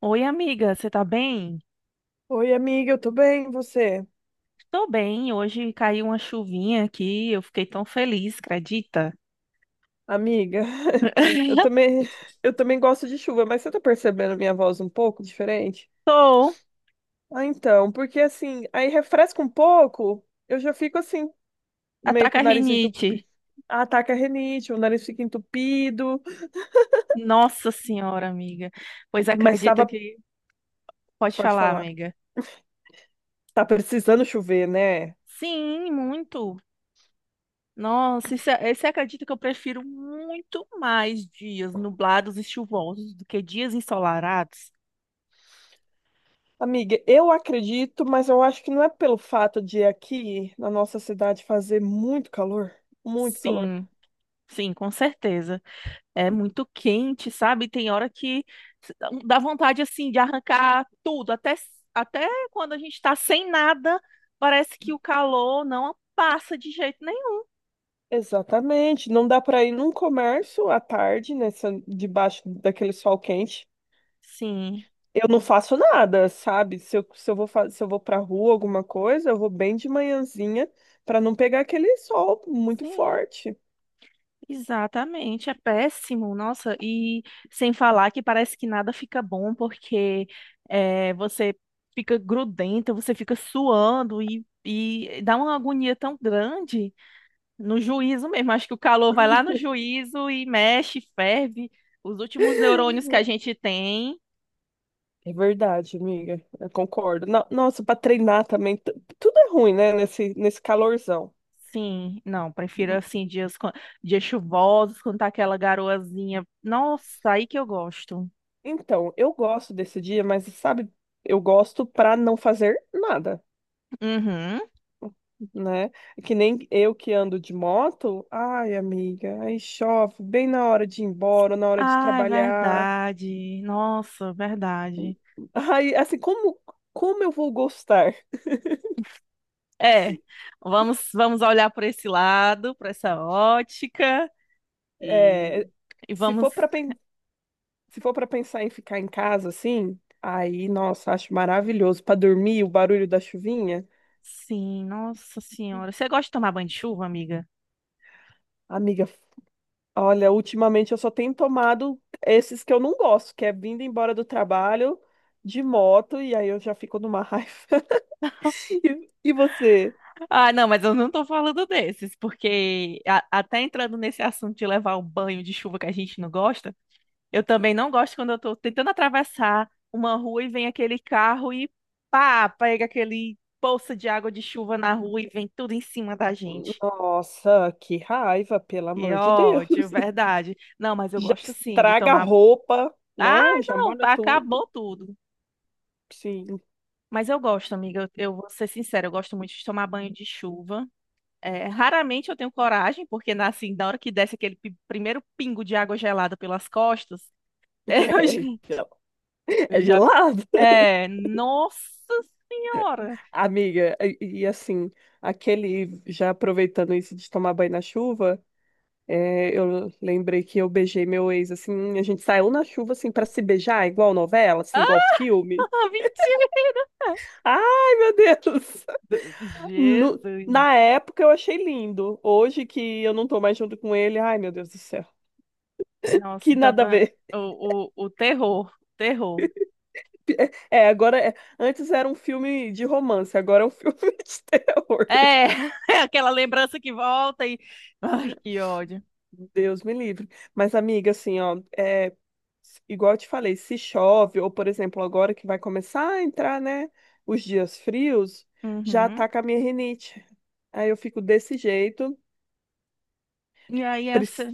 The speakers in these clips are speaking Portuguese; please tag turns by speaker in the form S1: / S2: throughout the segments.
S1: Oi, amiga, você tá bem?
S2: Oi, amiga, eu tô bem, e você?
S1: Tô bem, hoje caiu uma chuvinha aqui, eu fiquei tão feliz, acredita?
S2: Amiga, eu também, eu também gosto de chuva, mas você tá percebendo a minha voz um pouco diferente?
S1: Tô,
S2: Ah, então, porque assim, aí refresca um pouco, eu já fico assim, meio
S1: ataca
S2: com
S1: a
S2: o nariz entupido.
S1: rinite.
S2: Ataca a rinite, o nariz fica entupido,
S1: Nossa senhora, amiga. Pois
S2: mas
S1: acredita
S2: tava,
S1: que. Pode
S2: pode
S1: falar,
S2: falar,
S1: amiga.
S2: tá precisando chover, né?
S1: Sim, muito. Nossa, e você acredita que eu prefiro muito mais dias nublados e chuvosos do que dias ensolarados?
S2: Amiga, eu acredito, mas eu acho que não é pelo fato de aqui na nossa cidade fazer muito calor, muito calor.
S1: Sim, sim, com certeza. É muito quente, sabe? Tem hora que dá vontade assim de arrancar tudo, até quando a gente está sem nada, parece que o calor não passa de jeito nenhum.
S2: Exatamente. Não dá para ir num comércio à tarde, nessa, debaixo daquele sol quente.
S1: Sim,
S2: Eu não faço nada, sabe? Se eu vou, se eu vou pra rua, alguma coisa, eu vou bem de manhãzinha para não pegar aquele sol muito
S1: sim,
S2: forte.
S1: exatamente. É péssimo, nossa. E sem falar que parece que nada fica bom porque você fica grudenta, você fica suando e dá uma agonia tão grande. No juízo mesmo, acho que o calor vai lá no juízo e mexe, ferve os últimos neurônios que a gente tem.
S2: É verdade, amiga. Eu concordo. Nossa, para treinar também, tudo é ruim, né? Nesse calorzão.
S1: Sim, não, prefiro assim dias, dias chuvosos, quando tá aquela garoazinha. Nossa, aí que eu gosto.
S2: Então, eu gosto desse dia, mas sabe, eu gosto para não fazer nada,
S1: Uhum.
S2: né? É que nem eu que ando de moto, ai, amiga, aí chove bem na hora de ir embora, na hora de
S1: Ah, é
S2: trabalhar.
S1: verdade. Nossa, verdade.
S2: Ai, assim, como eu vou gostar?
S1: É, vamos, vamos olhar por esse lado, por essa ótica e,
S2: É, se
S1: vamos.
S2: for para se for para pensar em ficar em casa assim, aí, nossa, acho maravilhoso para dormir, o barulho da chuvinha.
S1: Sim, nossa senhora. Você gosta de tomar banho de chuva, amiga?
S2: Amiga, olha, ultimamente eu só tenho tomado esses que eu não gosto, que é vindo embora do trabalho de moto e aí eu já fico numa raiva. E você?
S1: Ah, não, mas eu não tô falando desses, porque até entrando nesse assunto de levar o banho de chuva que a gente não gosta, eu também não gosto quando eu tô tentando atravessar uma rua e vem aquele carro e pá, pega aquele poça de água de chuva na rua e vem tudo em cima da gente.
S2: Nossa, que raiva, pelo
S1: Que
S2: amor de Deus.
S1: ódio, verdade. Não, mas eu
S2: Já
S1: gosto sim de
S2: estraga a
S1: tomar.
S2: roupa,
S1: Ah,
S2: né? Já
S1: não,
S2: molha tudo.
S1: acabou tudo.
S2: Sim,
S1: Mas eu gosto, amiga, eu vou ser sincera, eu gosto muito de tomar banho de chuva. É, raramente eu tenho coragem, porque na, assim, na hora que desce aquele primeiro pingo de água gelada pelas costas, eu já,
S2: é, gel- é
S1: eu já-
S2: gelado.
S1: É, nossa senhora!
S2: Amiga, e assim, aquele, já aproveitando isso de tomar banho na chuva, é, eu lembrei que eu beijei meu ex, assim, a gente saiu na chuva, assim, pra se beijar, igual novela, assim, igual
S1: Ah,
S2: filme.
S1: mentira!
S2: Ai, meu Deus! No-
S1: Jesus!
S2: Na época eu achei lindo. Hoje que eu não tô mais junto com ele, ai, meu Deus do céu.
S1: Nossa,
S2: Que
S1: então
S2: nada a
S1: tá,
S2: ver.
S1: o terror, o terror.
S2: É, agora é... antes era um filme de romance, agora é um filme de terror.
S1: É, é aquela lembrança que volta e. Ai, que ódio.
S2: Deus me livre. Mas, amiga, assim, ó, é igual eu te falei, se chove, ou por exemplo, agora que vai começar a entrar, né, os dias frios, já
S1: Uhum.
S2: ataca a minha rinite. Aí eu fico desse jeito.
S1: E aí
S2: Prec-
S1: essa,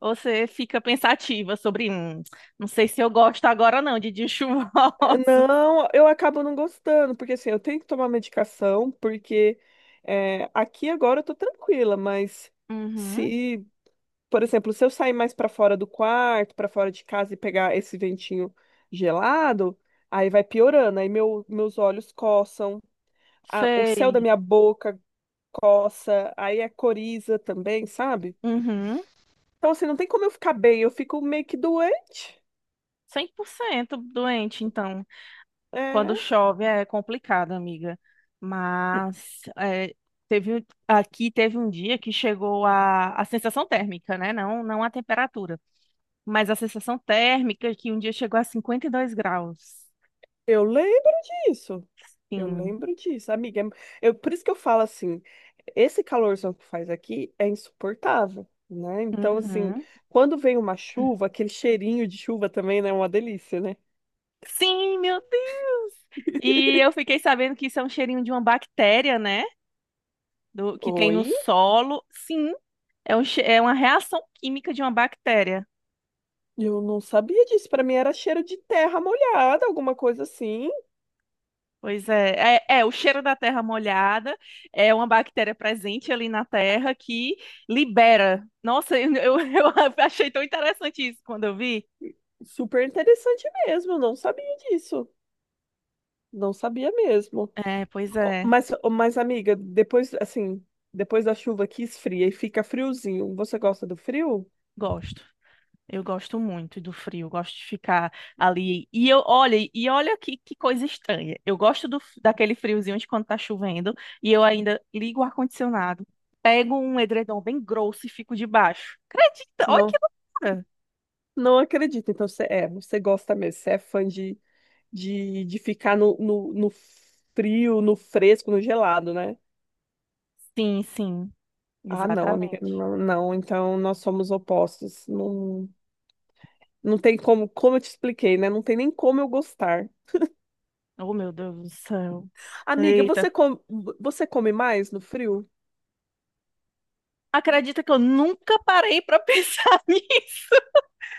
S1: você fica pensativa sobre, não sei se eu gosto agora não de dias chuvosos.
S2: Não, eu acabo não gostando, porque assim, eu tenho que tomar medicação, porque é, aqui agora eu tô tranquila, mas
S1: Uhum,
S2: se por exemplo, se eu sair mais para fora do quarto, para fora de casa e pegar esse ventinho gelado, aí vai piorando, aí meus olhos coçam, o céu da
S1: sei.
S2: minha boca coça, aí é coriza também, sabe?
S1: Uhum,
S2: Então, assim, não tem como eu ficar bem, eu fico meio que doente.
S1: 100% doente, então, quando
S2: É,
S1: chove é complicado, amiga. Mas é, aqui teve um dia que chegou a, sensação térmica, né? Não, não a temperatura, mas a sensação térmica que um dia chegou a 52 graus.
S2: eu lembro disso. Eu
S1: Sim.
S2: lembro disso, amiga. Eu, por isso que eu falo assim, esse calorzão que faz aqui é insuportável, né? Então, assim,
S1: Uhum.
S2: quando vem uma chuva, aquele cheirinho de chuva também, né? É uma delícia, né?
S1: Sim, meu Deus! E eu fiquei sabendo que isso é um cheirinho de uma bactéria, né? Do, que tem no
S2: Oi?
S1: solo. Sim, é, é uma reação química de uma bactéria.
S2: Eu não sabia disso. Pra mim era cheiro de terra molhada, alguma coisa assim.
S1: Pois é, o cheiro da terra molhada é uma bactéria presente ali na terra que libera. Nossa, eu achei tão interessante isso quando eu vi.
S2: Super interessante mesmo. Eu não sabia disso. Não sabia mesmo.
S1: É, pois
S2: Ó,
S1: é,
S2: mas, ó, mas, amiga, depois, assim, depois da chuva que esfria e fica friozinho, você gosta do frio?
S1: gosto. Eu gosto muito do frio, eu gosto de ficar ali. E eu, olha, e olha que coisa estranha. Eu gosto daquele friozinho de quando tá chovendo e eu ainda ligo o ar-condicionado, pego um edredom bem grosso e fico debaixo. Acredita? Olha que
S2: Não.
S1: loucura!
S2: Não acredito. Então, você, é, você gosta mesmo, você é fã de, de ficar no frio, no fresco, no gelado, né?
S1: Sim, sim,
S2: Ah, não, amiga,
S1: exatamente.
S2: não, não. Então, nós somos opostos. Não, não tem como, como eu te expliquei, né? Não tem nem como eu gostar.
S1: Oh, meu Deus do céu.
S2: Amiga,
S1: Eita.
S2: você come mais no frio?
S1: Acredita que eu nunca parei pra pensar nisso?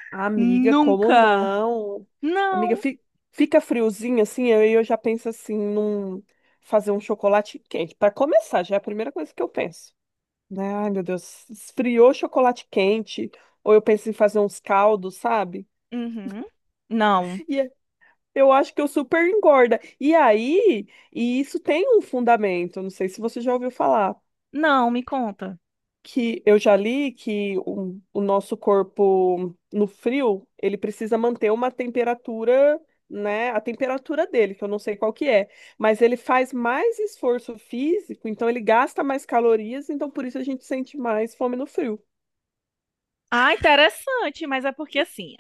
S2: Amiga, como
S1: Nunca.
S2: não? Amiga,
S1: Não.
S2: fica friozinho assim, aí eu já penso assim, num fazer um chocolate quente. Para começar, já é a primeira coisa que eu penso, né? Ai, meu Deus, esfriou chocolate quente, ou eu penso em fazer uns caldos, sabe?
S1: Uhum. Não.
S2: E é- eu acho que eu super engorda. E aí, e isso tem um fundamento, não sei se você já ouviu falar,
S1: Não, me conta.
S2: que eu já li que o nosso corpo no frio, ele precisa manter uma temperatura, né, a temperatura dele, que eu não sei qual que é, mas ele faz mais esforço físico, então ele gasta mais calorias, então por isso a gente sente mais fome no frio.
S1: Ah, interessante, mas é porque assim,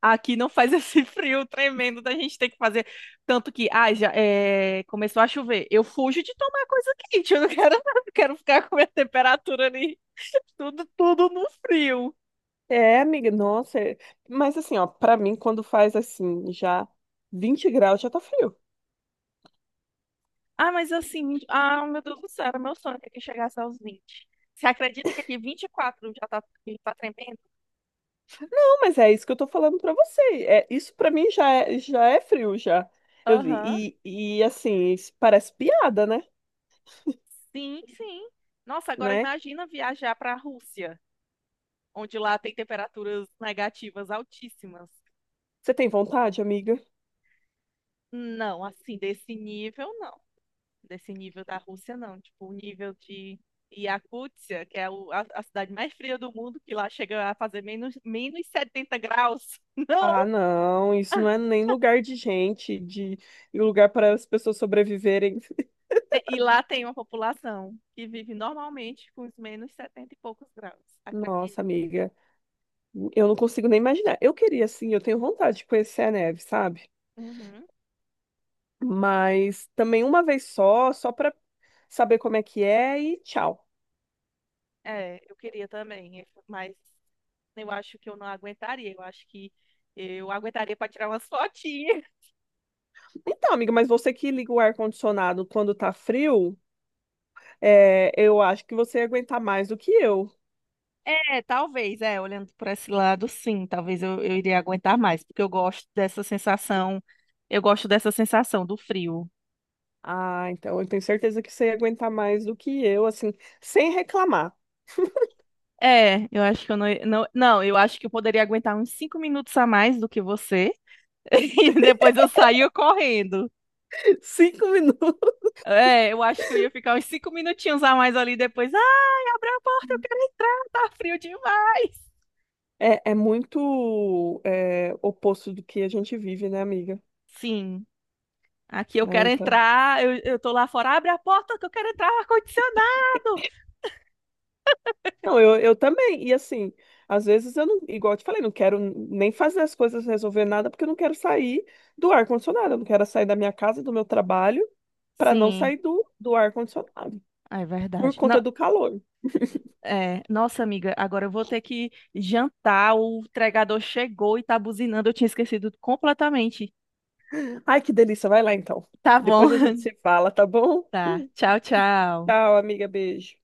S1: aqui não faz esse frio tremendo da gente ter que fazer. Tanto que, ah, já é, começou a chover. Eu fujo de tomar coisa quente, eu não quero, não quero ficar com a minha temperatura ali, tudo no frio.
S2: É, amiga, nossa. Mas assim, ó, pra mim, quando faz assim, já 20 graus, já tá frio.
S1: Ah, mas assim, ah, meu Deus do céu, era meu sonho que aqui chegasse aos 20. Você acredita que aqui 24 já tá tremendo?
S2: Não, mas é isso que eu tô falando pra você. É, isso pra mim já é frio, já. Eu,
S1: Aham.
S2: e assim, isso parece piada, né?
S1: Sim, sim. Nossa, agora
S2: Né?
S1: imagina viajar para a Rússia, onde lá tem temperaturas negativas altíssimas.
S2: Você tem vontade, amiga?
S1: Não, assim, desse nível, não. Desse nível da Rússia, não. Tipo, o nível de Iacútia, que é a cidade mais fria do mundo, que lá chega a fazer menos 70 graus. Não!
S2: Ah, não, isso não é nem lugar de gente, de e lugar para as pessoas sobreviverem.
S1: E lá tem uma população que vive normalmente com os menos 70 e poucos graus. Acredito.
S2: Nossa, amiga, eu não consigo nem imaginar. Eu queria, assim, eu tenho vontade de conhecer a neve, sabe?
S1: Uhum.
S2: Mas também uma vez só, só para saber como é que é e tchau.
S1: É, eu queria também, mas eu acho que eu não aguentaria. Eu acho que eu aguentaria para tirar umas fotinhas.
S2: Então, amiga, mas você que liga o ar-condicionado quando tá frio, é, eu acho que você ia aguentar mais do que eu.
S1: É, talvez, é, olhando por esse lado, sim, talvez eu iria aguentar mais, porque eu gosto dessa sensação, eu gosto dessa sensação do frio.
S2: Ah, então eu tenho certeza que você ia aguentar mais do que eu, assim, sem reclamar.
S1: É, eu acho que eu não, não, não, eu acho que eu poderia aguentar uns 5 minutos a mais do que você, e depois eu saía correndo.
S2: 5 minutos.
S1: É, eu acho que eu ia ficar uns 5 minutinhos a mais ali depois. Ai, abre a porta, eu quero entrar, tá frio demais.
S2: É, é muito, é, oposto do que a gente vive, né, amiga?
S1: Sim, aqui eu
S2: Né,
S1: quero
S2: então.
S1: entrar, eu tô lá fora, abre a porta que eu quero entrar, ar-condicionado.
S2: Não, eu também. E assim, às vezes eu não, igual eu te falei, não quero nem fazer as coisas, resolver nada, porque eu não quero sair do ar-condicionado. Eu não quero sair da minha casa, do meu trabalho, para não
S1: Sim.
S2: sair do ar-condicionado,
S1: Ah, é
S2: por
S1: verdade.
S2: conta do calor.
S1: É, nossa, amiga, agora eu vou ter que jantar. O entregador chegou e tá buzinando. Eu tinha esquecido completamente.
S2: Ai, que delícia. Vai lá então.
S1: Tá bom.
S2: Depois a gente se fala, tá bom?
S1: Tá. Tchau, tchau.
S2: Tchau, amiga. Beijo.